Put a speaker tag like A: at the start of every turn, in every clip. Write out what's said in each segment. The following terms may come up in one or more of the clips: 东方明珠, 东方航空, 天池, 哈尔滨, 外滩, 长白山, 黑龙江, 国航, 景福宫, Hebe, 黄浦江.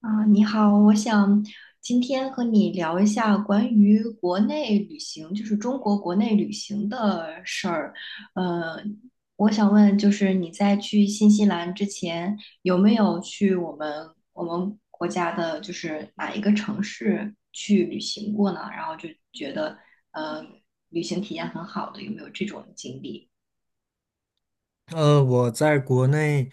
A: 啊，你好，我想今天和你聊一下关于国内旅行，就是中国国内旅行的事儿。呃，我想问，就是你在去新西兰之前，有没有去我们国家的，就是哪一个城市去旅行过呢？然后就觉得，呃，旅行体验很好的，有没有这种经历？
B: 我在国内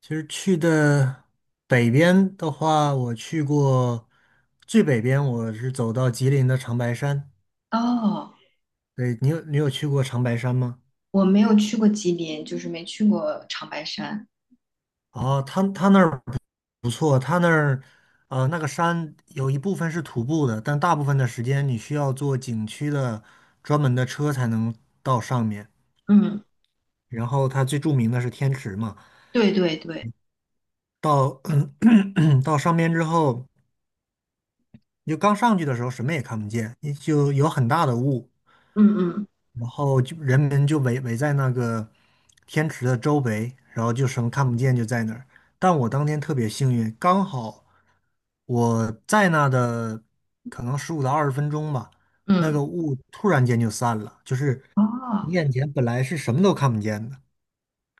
B: 其实去的北边的话，我去过最北边，我是走到吉林的长白山。
A: 哦，
B: 对，你有去过长白山吗？
A: 我没有去过吉林，就是没去过长白山。
B: 哦，他那儿不错，他那儿那个山有一部分是徒步的，但大部分的时间你需要坐景区的专门的车才能到上面。
A: 嗯。
B: 然后它最著名的是天池嘛，
A: 对对对。
B: 到 到上面之后。你就刚上去的时候什么也看不见，你就有很大的雾，
A: 嗯嗯。
B: 然后就人们就围在那个天池的周围，然后就什么看不见就在那儿。但我当天特别幸运，刚好我在那的可能15到20分钟吧，那
A: 嗯。
B: 个雾突然间就散了，就是
A: 哦。
B: 你眼前本来是什么都看不见的，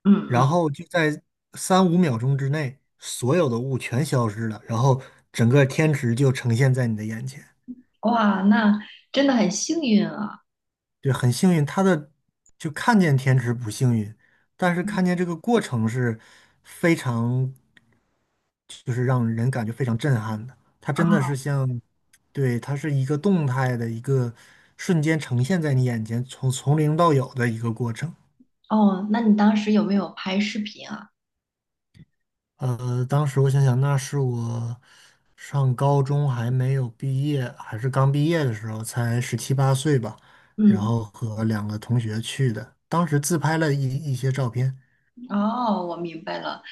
A: 嗯嗯。
B: 然后就在3、5秒钟之内，所有的雾全消失了，然后整个天池就呈现在你的眼前。
A: 哇，那真的很幸运啊。
B: 对，很幸运，他的就看见天池不幸运，但是看见
A: 嗯。
B: 这个过程是非常，就是让人感觉非常震撼的。它真的是
A: 哦。
B: 像，对，它是一个动态的一个瞬间呈现在你眼前，从零到有的一个过程。
A: 哦，那你当时有没有拍视频啊？
B: 当时我想想，那是我上高中还没有毕业，还是刚毕业的时候，才17、8岁吧，然
A: 嗯。
B: 后和2个同学去的，当时自拍了一些照片。
A: 哦，我明白了。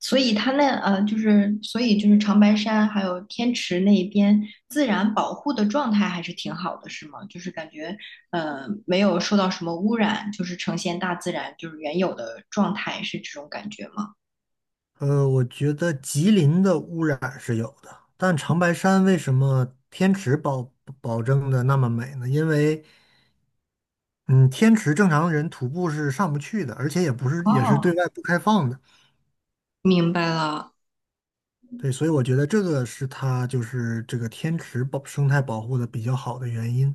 A: 所以它那就是所以就是长白山还有天池那一边自然保护的状态还是挺好的，是吗？就是感觉呃没有受到什么污染，就是呈现大自然就是原有的状态，是这种感觉吗？
B: 我觉得吉林的污染是有的，但长白山为什么天池保证的那么美呢？因为，嗯，天池正常人徒步是上不去的，而且也不是也是对
A: 哦，
B: 外不开放的。
A: 明白了。
B: 对，所以我觉得这个是它就是这个天池保生态保护的比较好的原因。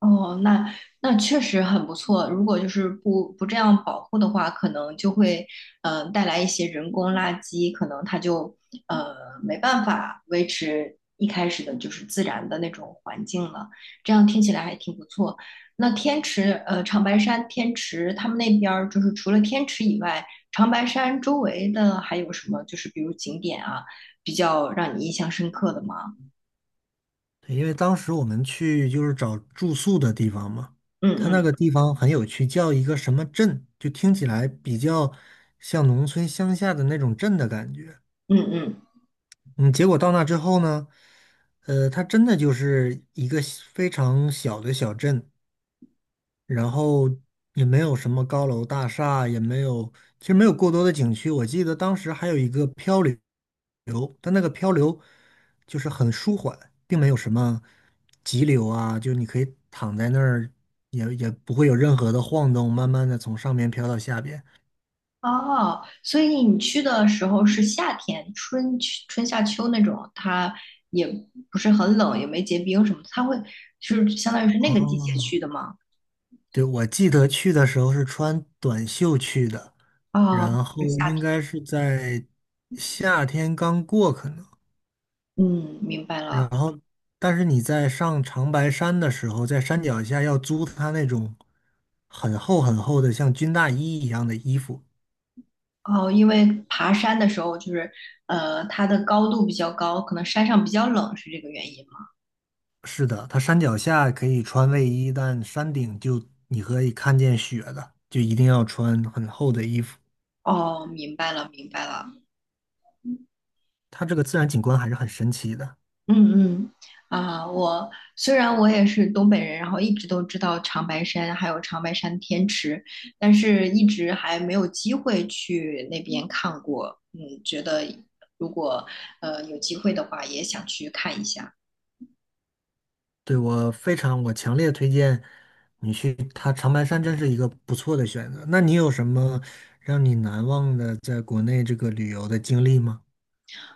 A: 哦，那那确实很不错。如果就是不这样保护的话，可能就会呃带来一些人工垃圾，可能它就呃没办法维持一开始的就是自然的那种环境了。这样听起来还挺不错。那天池长白山天池，他们那边儿就是除了天池以外，长白山周围的还有什么就是比如景点啊，比较让你印象深刻的吗？
B: 对，因为当时我们去就是找住宿的地方嘛，
A: 嗯
B: 它
A: 嗯。
B: 那个地方很有趣，叫一个什么镇，就听起来比较像农村乡下的那种镇的感觉。
A: 嗯嗯。
B: 嗯，结果到那之后呢，它真的就是一个小非常小的小镇，然后也没有什么高楼大厦，也没有，其实没有过多的景区。我记得当时还有一个漂流，但那个漂流就是很舒缓，并没有什么急流啊，就你可以躺在那儿，也不会有任何的晃动，慢慢的从上面飘到下边。
A: 哦，所以你去的时候是夏天，春夏秋那种，它也不是很冷，也没结冰什么的它会就是相当于是那个季节
B: 哦，
A: 去的吗？
B: 对，我记得去的时候是穿短袖去的，
A: 哦，
B: 然后
A: 是
B: 嗯
A: 夏
B: 应
A: 天。
B: 该是在夏天刚过可能，
A: 嗯，明白
B: 然
A: 了。
B: 后但是你在上长白山的时候，在山脚下要租他那种很厚很厚的像军大衣一样的衣服。
A: 哦，因为爬山的时候就是，它的高度比较高，可能山上比较冷，是这个原因吗？
B: 是的，它山脚下可以穿卫衣，但山顶就你可以看见雪的，就一定要穿很厚的衣服。
A: 哦，明白了，明白了。
B: 它这个自然景观还是很神奇的。
A: 嗯嗯。啊，我虽然我也是东北人，然后一直都知道长白山还有长白山天池，但是一直还没有机会去那边看过。嗯，觉得如果有机会的话，也想去看一下。
B: 对，我非常，我强烈推荐你去它长白山，真是一个不错的选择。那你有什么让你难忘的在国内这个旅游的经历吗？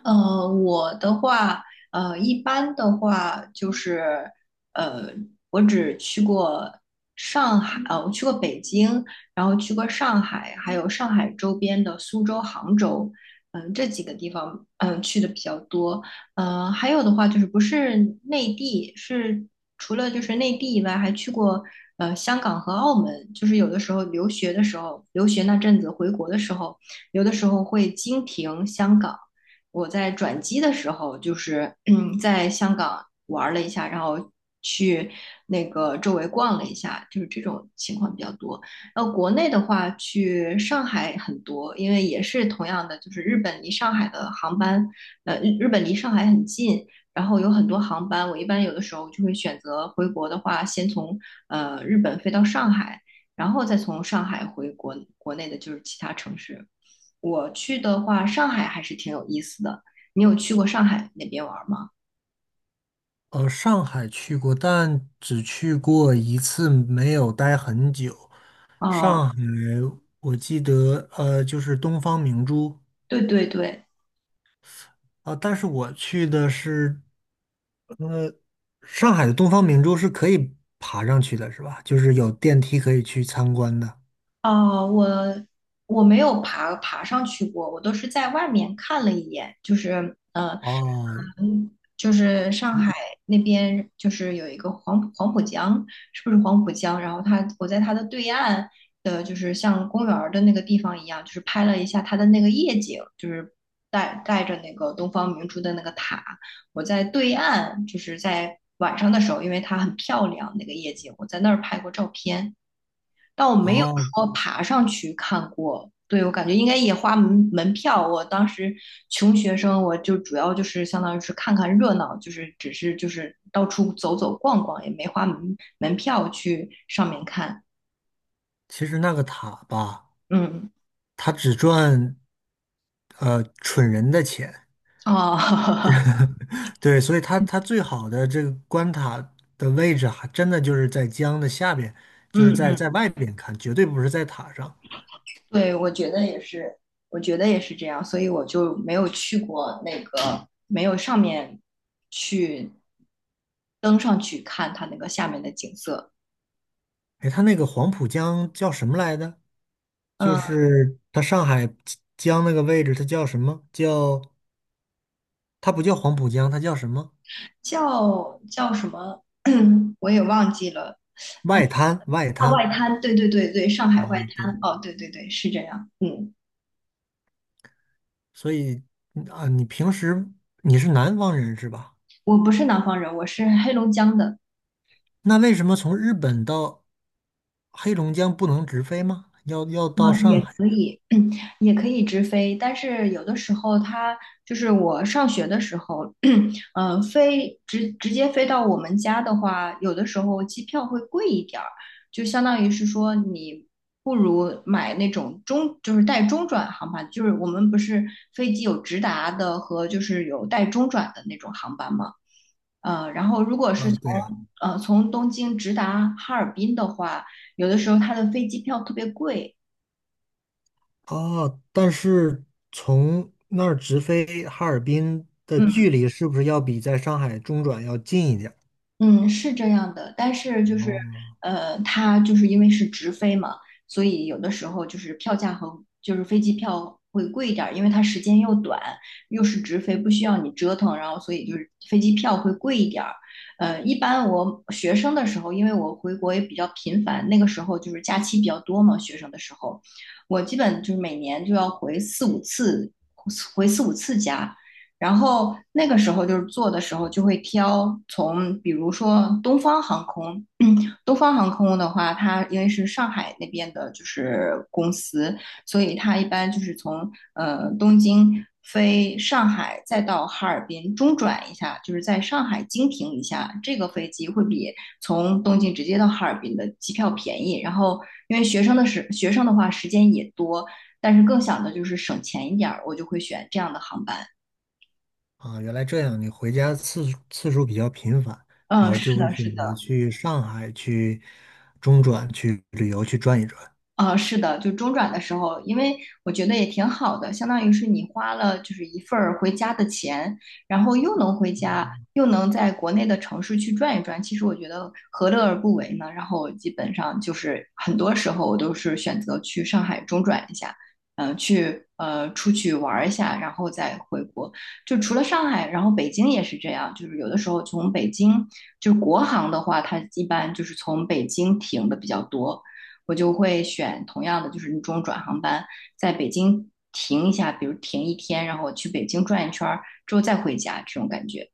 A: 我的话，一般的话就是，呃，我只去过上海，我去过北京，然后去过上海，还有上海周边的苏州、杭州，嗯、这几个地方，嗯、去的比较多。还有的话就是不是内地，是除了就是内地以外，还去过香港和澳门。就是有的时候留学的时候，留学那阵子回国的时候，有的时候会经停香港。我在转机的时候，就是嗯，在香港玩了一下，然后去那个周围逛了一下，就是这种情况比较多。然后国内的话，去上海很多，因为也是同样的，就是日本离上海的航班，日本离上海很近，然后有很多航班，我一般有的时候就会选择回国的话，先从日本飞到上海，然后再从上海回国国内的就是其他城市。我去的话，上海还是挺有意思的。你有去过上海那边玩吗？
B: 上海去过，但只去过一次，没有待很久。
A: 哦，
B: 上海，我记得，就是东方明珠
A: 对对对。
B: 啊，但是我去的是上海的东方明珠是可以爬上去的，是吧？就是有电梯可以去参观的。
A: 哦，我没有爬上去过，我都是在外面看了一眼，就是
B: 哦
A: 嗯，就是上海那边，就是有一个黄浦江，是不是黄浦江？然后它，我在它的对岸的，就是像公园儿的那个地方一样，就是拍了一下它的那个夜景，就是带着那个东方明珠的那个塔。我在对岸，就是在晚上的时候，因为它很漂亮，那个夜景，我在那儿拍过照片。但我没有
B: 哦，
A: 说爬上去看过。对，我感觉应该也花门票。我当时穷学生，我就主要就是相当于是看看热闹，就是只是就是到处走走逛逛，也没花门票去上面看。
B: 其实那个塔吧，
A: 嗯。
B: 它只赚蠢人的钱，
A: 哦。
B: 对，所以它最好的这个关塔的位置还真的就是在江的下边，就是
A: 嗯
B: 在
A: 嗯。
B: 外边看，绝对不是在塔上。
A: 对，我觉得也是，我觉得也是这样，所以我就没有去过那个，没有上面去登上去看它那个下面的景色。
B: 哎，它那个黄浦江叫什么来的？就
A: 嗯。
B: 是它上海江那个位置，它叫什么？叫它不叫黄浦江，它叫什么？
A: 叫什么？我也忘记了。
B: 外滩，外
A: 啊，
B: 滩
A: 外滩，对对对对，上海外
B: 啊，对，
A: 滩。哦，对对对，是这样。嗯。
B: 所以嗯啊，你平时你是南方人是吧？
A: 我不是南方人，我是黑龙江的。
B: 那为什么从日本到黑龙江不能直飞吗？要到
A: 嗯，也。
B: 上海
A: 嗯，也可以直飞，但是有的时候它就是我上学的时候，嗯，飞直接飞到我们家的话，有的时候机票会贵一点儿，就相当于是说你不如买那种中，就是带中转航班，就是我们不是飞机有直达的和就是有带中转的那种航班嘛，然后如果是
B: 啊，
A: 从
B: 对呀，
A: 从东京直达哈尔滨的话，有的时候它的飞机票特别贵。
B: 啊！但是从那儿直飞哈尔滨的距
A: 嗯。
B: 离是不是要比在上海中转要近一点儿
A: 嗯，是这样的，但是就是，
B: 哦，
A: 它就是因为是直飞嘛，所以有的时候就是票价和就是飞机票会贵一点儿，因为它时间又短，又是直飞，不需要你折腾，然后所以就是飞机票会贵一点儿。一般我学生的时候，因为我回国也比较频繁，那个时候就是假期比较多嘛，学生的时候，我基本就是每年就要回四五次，回四五次家。然后那个时候就是坐的时候就会挑从，比如说东方航空，东方航空的话，它因为是上海那边的，就是公司，所以它一般就是从东京飞上海，再到哈尔滨中转一下，就是在上海经停一下，这个飞机会比从东京直接到哈尔滨的机票便宜。然后因为学生的话时间也多，但是更想的就是省钱一点儿，我就会选这样的航班。
B: 啊，原来这样，你回家次数比较频繁，然
A: 嗯，
B: 后就
A: 是
B: 会
A: 的，
B: 选
A: 是
B: 择
A: 的。
B: 去上海去中转去旅游去转一转。
A: 是的，就中转的时候，因为我觉得也挺好的，相当于是你花了就是一份儿回家的钱，然后又能回家，又能在国内的城市去转一转，其实我觉得何乐而不为呢？然后我基本上就是很多时候我都是选择去上海中转一下，嗯、去出去玩儿一下，然后再回国。就除了上海，然后北京也是这样，就是有的时候从北京，就是国航的话，它一般就是从北京停的比较多。我就会选同样的，就是那种转航班，在北京停一下，比如停一天，然后我去北京转一圈儿之后再回家，这种感觉。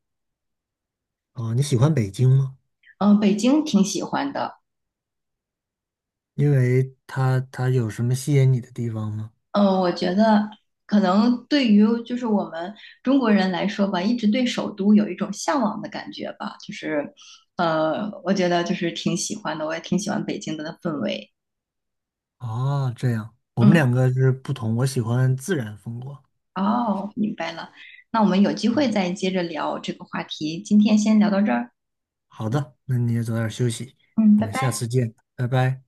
B: 啊，你喜欢北京吗？
A: 嗯，北京挺喜欢的。
B: 因为它有什么吸引你的地方吗？
A: 嗯，我觉得可能对于就是我们中国人来说吧，一直对首都有一种向往的感觉吧，就是我觉得就是挺喜欢的，我也挺喜欢北京的氛围。
B: 哦，这样，我们
A: 嗯，
B: 两个是不同，我喜欢自然风光。
A: 哦，明白了。那我们有机会再接着聊这个话题，今天先聊到这儿。
B: 好的，那你也早点休息，
A: 嗯，
B: 我
A: 拜
B: 们下
A: 拜。
B: 次见，拜拜。